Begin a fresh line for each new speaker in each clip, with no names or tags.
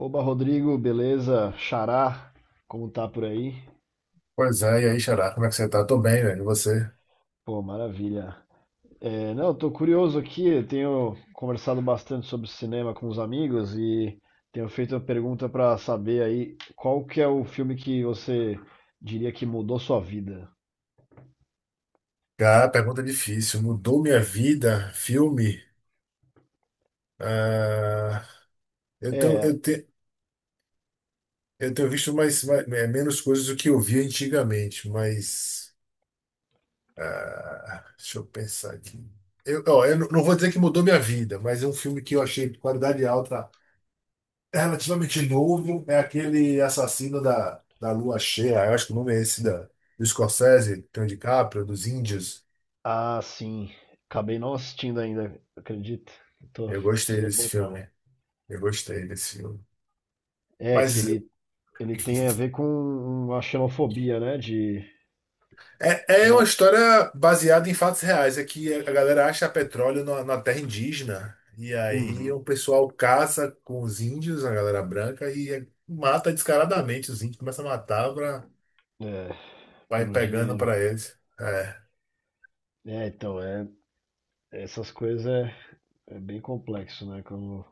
Oba, Rodrigo, beleza? Xará, como tá por aí?
Pois é, e aí, Xará, como é que você tá? Tô bem, velho. E você?
Pô, maravilha. É, não, eu tô curioso aqui, eu tenho conversado bastante sobre cinema com os amigos e tenho feito uma pergunta pra saber aí qual que é o filme que você diria que mudou sua vida?
Cara, pergunta difícil. Mudou minha vida? Filme? Ah, eu tenho,
É,
eu tenho, eu tenho visto mais, menos coisas do que eu via antigamente, mas. Deixa eu pensar aqui. Eu, ó, eu não vou dizer que mudou minha vida, mas é um filme que eu achei de qualidade alta, é relativamente novo. É aquele Assassino da Lua Cheia, eu acho que o nome é esse, da, do Scorsese, do DiCaprio, dos Índios.
sim, acabei não assistindo ainda, acredita? Tô,
Eu gostei
preciso
desse
botar.
filme. Eu gostei desse filme.
É, que
Mas
ele, ele tem a ver com uma xenofobia, né?
é, é uma
Uma,
história baseada em fatos reais. É que a galera acha petróleo na terra indígena. E aí
Uhum,
o pessoal caça com os índios, a galera branca, e mata descaradamente os índios. Começa a matar pra,
é,
vai
pelo
pegando
dinheiro.
pra eles. É,
É, então, é, essas coisas é bem complexo, né?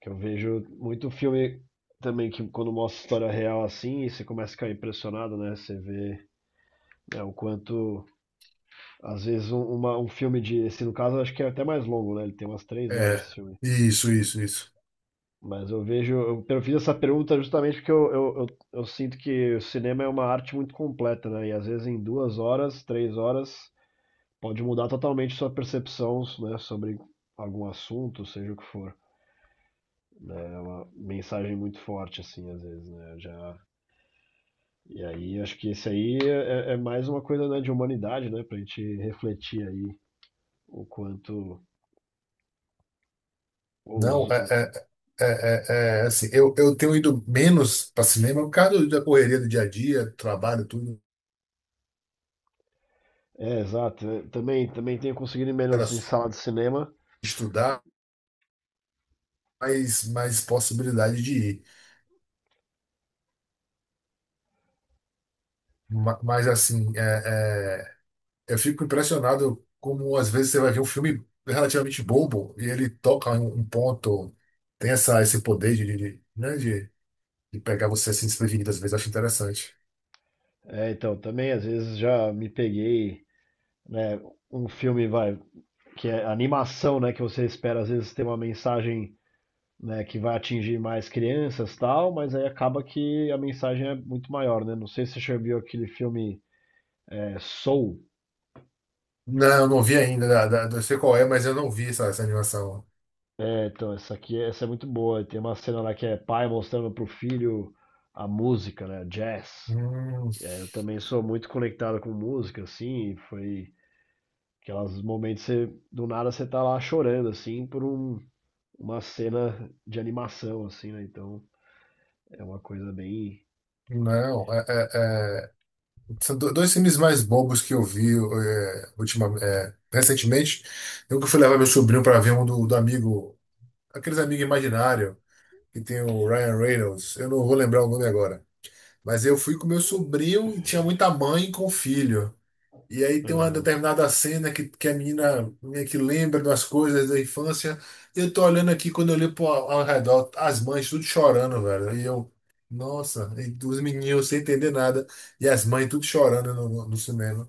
Que eu vejo muito filme também que quando mostra história real assim, você começa a ficar impressionado, né? Você vê, né, o quanto, às vezes, um filme de, esse no caso, eu acho que é até mais longo, né? Ele tem umas 3 horas
é.
esse filme.
Isso, isso, isso.
Mas eu vejo, eu fiz essa pergunta justamente porque eu sinto que o cinema é uma arte muito completa, né? E às vezes em 2 horas, 3 horas, pode mudar totalmente sua percepção, né? Sobre algum assunto, seja o que for. Uma mensagem muito forte, assim, às vezes, né? Já... E aí, acho que esse aí é mais uma coisa, né, de humanidade, né? Pra gente refletir aí o quanto os...
Não, é, é, assim. Eu tenho ido menos para cinema por causa da correria do dia a dia, trabalho, tudo.
É, exato, né, também, também tenho conseguido ir
Era
menos em
só
sala de cinema.
estudar. Mais possibilidade de ir. Mas assim, eu fico impressionado como às vezes você vai ver um filme relativamente bobo e ele toca em um ponto, tem esse poder de de, pegar você assim desprevenido, às vezes eu acho interessante.
É, então, também às vezes já me peguei, né, um filme vai, que é animação, né, que você espera às vezes ter uma mensagem, né, que vai atingir mais crianças, tal, mas aí acaba que a mensagem é muito maior, né? Não sei se você já viu aquele filme. É, Soul.
Não, eu não vi ainda, eu sei qual é, mas eu não vi essa animação.
É, então, essa aqui, é, essa é muito boa. Tem uma cena lá que é pai mostrando pro filho a música, né? Jazz.
Hum,
E aí eu também sou muito conectado com música, assim, e foi aqueles momentos que você, do nada você tá lá chorando, assim, por uma cena de animação, assim, né? Então é uma coisa bem.
não, é, é, é, são dois filmes mais bobos que eu vi ultimamente, recentemente. Eu que fui levar meu sobrinho para ver um do amigo, aqueles amigos imaginários que tem o Ryan Reynolds, eu não vou lembrar o nome agora. Mas eu fui com meu sobrinho e tinha muita mãe com filho. E aí tem uma
Aham.
determinada cena que a menina meio que lembra das coisas da infância. Eu tô olhando aqui, quando eu olho pro, ao redor, as mães tudo chorando, velho. E eu, nossa, e os meninos sem entender nada. E as mães tudo chorando no cinema.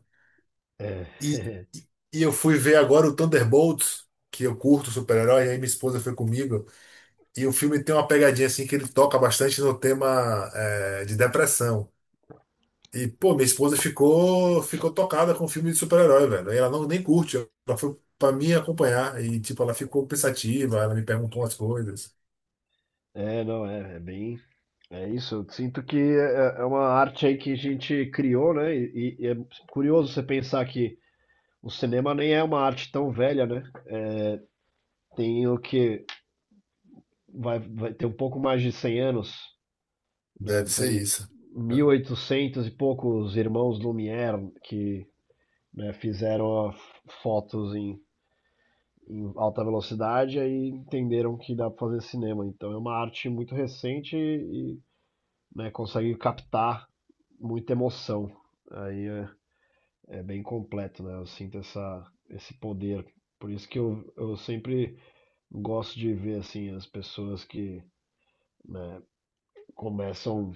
É.
E, e eu fui ver agora o Thunderbolts, que eu curto super-herói, e aí minha esposa foi comigo. E o filme tem uma pegadinha assim que ele toca bastante no tema de depressão. E, pô, minha esposa ficou tocada com filme de super-herói, velho. E ela não nem curte, ela foi pra me acompanhar. E, tipo, ela ficou pensativa, ela me perguntou umas coisas.
É, não, é, é bem. É isso. Eu sinto que é uma arte aí que a gente criou, né? E é curioso você pensar que o cinema nem é uma arte tão velha, né? Tem o que vai ter um pouco mais de 100 anos, né?
Deve ser
Foi
isso.
mil e
É.
oitocentos e poucos, irmãos Lumière que, né, fizeram a- fotos em, em alta velocidade e aí entenderam que dá para fazer cinema. Então é uma arte muito recente e, né, consegue captar muita emoção. Aí é, é bem completo, né? Eu sinto essa, esse poder. Por isso que eu sempre gosto de ver assim as pessoas que, né, começam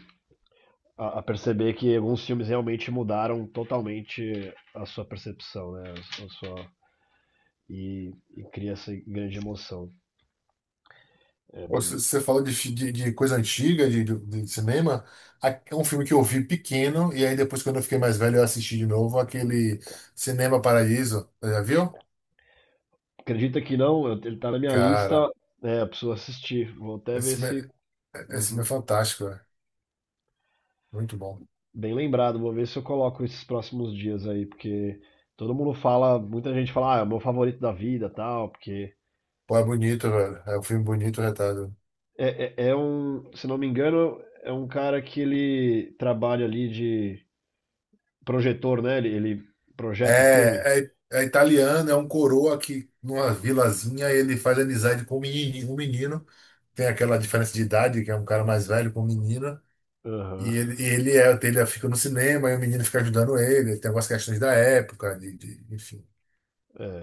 a perceber que alguns filmes realmente mudaram totalmente a sua percepção, né? A sua, e, e cria essa grande emoção. É
Ou se-
bem.
Você falou de coisa antiga, de cinema. É um filme que eu vi pequeno, e aí depois, quando eu fiquei mais velho, eu assisti de novo aquele Cinema Paraíso. Já viu?
Acredita que não? Ele tá na minha lista.
Cara,
É, eu preciso assistir. Vou até
esse
ver
filme
se.
esse filme é
Uhum.
fantástico. Muito bom.
Bem lembrado, vou ver se eu coloco esses próximos dias aí, porque todo mundo fala, muita gente fala, ah, é o meu favorito da vida, tal, porque
Pô, é bonito, velho. É um filme bonito, retado.
É um, se não me engano, é um cara que ele trabalha ali de projetor, né? Ele projeta o filme.
É italiano, é um coroa que numa vilazinha ele faz amizade com um menino, um menino. Tem aquela diferença de idade, que é um cara mais velho com um menino. E
Aham,
ele, ele fica no cinema e o menino fica ajudando ele. Tem algumas questões da época, enfim.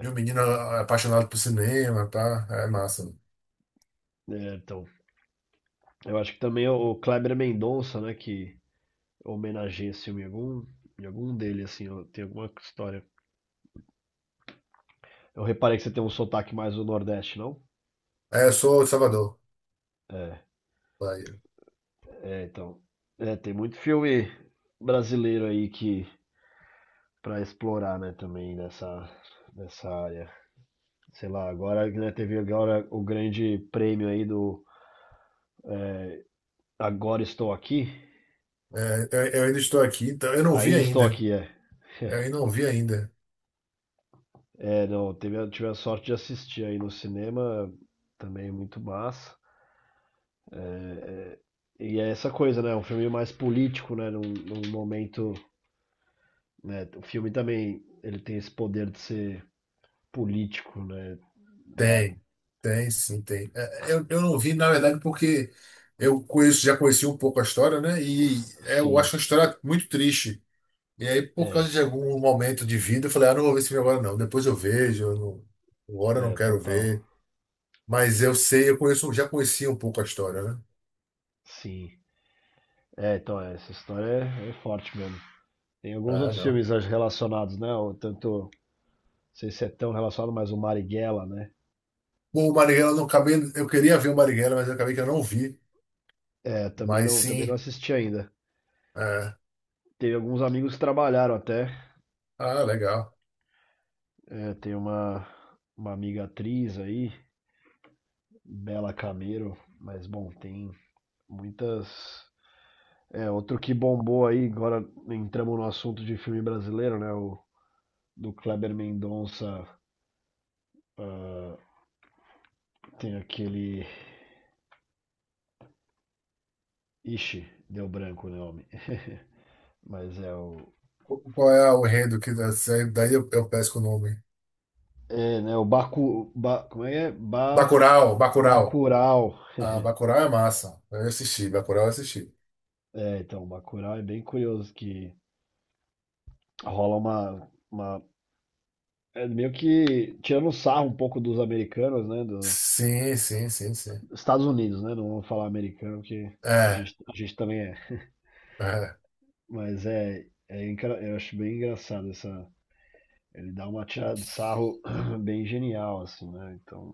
E o menino é apaixonado por cinema, tá? É massa.
É, então, eu acho que também o Kleber Mendonça, né? Que homenageia esse filme em algum dele, assim, ó, tem alguma história. Eu reparei que você tem um sotaque mais do Nordeste, não?
É, eu sou de Salvador,
É,
Bahia.
então. É, tem muito filme brasileiro aí que para explorar, né, também nessa área. Sei lá, agora, né, teve agora o grande prêmio aí do, é, Agora Estou Aqui.
É, eu ainda estou aqui, então eu não vi
Ainda Estou
ainda.
Aqui, é.
Eu ainda não vi ainda.
É, não, teve, tive a sorte de assistir aí no cinema, também muito massa. É, é, E é essa coisa, né? Um filme mais político, né? Num momento, né? O filme também, ele tem esse poder de ser político, né? Da,
Tem, tem, sim, tem. É, eu não vi, na verdade, porque eu conheço, já conheci um pouco a história, né? E é, eu
sim,
acho uma história muito triste. E aí, por causa
é,
de algum momento de vida, eu falei, ah, não vou ver esse filme agora, não. Depois eu vejo, eu não, agora eu não quero
total,
ver. Mas eu sei, eu conheço, já conhecia um pouco a história, né?
sim. É, então, é, essa história é forte mesmo. Tem alguns
Ah,
outros
não.
filmes relacionados, né? O Tanto, não sei se é tão relacionado, mas o Marighella, né?
Bom, o Marighella, eu não acabei, eu queria ver o Marighella, mas eu acabei que eu não vi.
É,
Mas
também
sim,
não assisti ainda.
é.
Teve alguns amigos que trabalharam até.
Ah, legal.
É, tem uma amiga atriz aí, Bela Camero, mas bom, tem muitas. É, outro que bombou aí, agora entramos no assunto de filme brasileiro, né? O do Kleber Mendonça. Ah, tem aquele. Ixi, deu branco o nome. Mas é o.
Qual é o enredo que daí eu peço o nome?
É, né? O Baku, ba, como é que é? Ba,
Bacurau, Bacurau.
Bacurau.
Ah, Bacurau é massa. Eu assisti, Bacurau eu assisti.
É, então, Bacurau é bem curioso que rola uma, é meio que tirando sarro um pouco dos americanos, né? Do
Sim, sim, sim, sim.
Estados Unidos, né? Não vou falar americano, porque
É,
a gente também é.
é.
Mas é engra- eu acho bem engraçado essa. Ele dá uma tirada de sarro bem genial, assim, né? Então.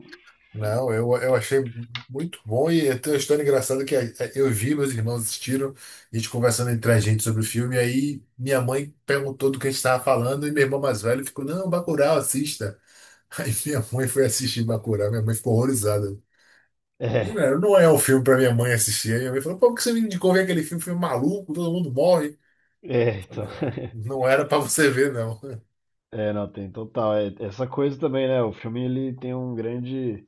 Não, eu achei muito bom e tem uma história engraçada que é, eu vi, meus irmãos assistiram, a gente conversando entre a gente sobre o filme, e aí minha mãe perguntou do que a gente estava falando e meu irmão mais velho ficou, não, Bacurau, assista. Aí minha mãe foi assistir Bacurau, minha mãe ficou horrorizada. Não,
É,
não é um filme para minha mãe assistir. Aí minha mãe falou, pô, por que você me indicou ver aquele filme, filme é maluco, todo mundo morre. Eu
então.
falei, é, não era para você ver, não.
É, não, tem total. É, essa coisa também, né? O filme ele tem um grande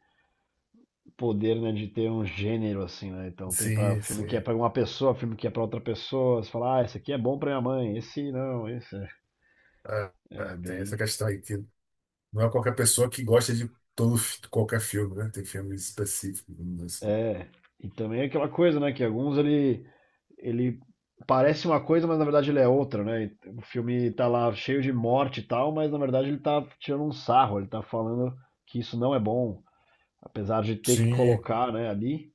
poder, né, de ter um gênero assim, né? Então tem para
Sim,
filme que é
sim.
para uma pessoa, filme que é para outra pessoa. Você fala, ah, esse aqui é bom para minha mãe, esse não, esse é,
Ah,
é
ah, tem essa
bem.
questão aí, que não é qualquer pessoa que gosta de qualquer filme, né? Tem filmes específicos, vamos dizer assim.
É. E também é aquela coisa, né, que alguns ele parece uma coisa, mas na verdade ele é outra, né? E o filme tá lá cheio de morte e tal, mas na verdade ele tá tirando um sarro, ele tá falando que isso não é bom, apesar de ter que
Sim,
colocar, né, ali.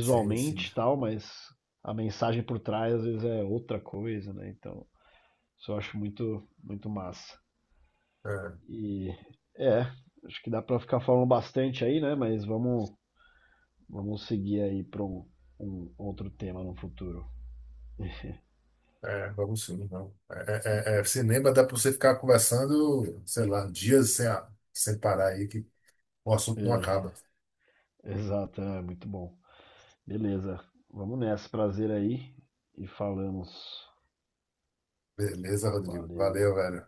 sim, sim.
e tal, mas a mensagem por trás às vezes é outra coisa, né? Então, isso eu acho muito, muito massa.
É,
E é, acho que dá pra ficar falando bastante aí, né? Mas vamos, vamos seguir aí pra um, um outro tema no futuro.
vamos sim, não. Cinema dá para você ficar conversando, sei lá, dias sem, sem parar aí, que o assunto não acaba.
Exato, é muito bom. Beleza, vamos nessa, prazer aí e falamos.
Beleza, Rodrigo?
Valeu.
Valeu, velho.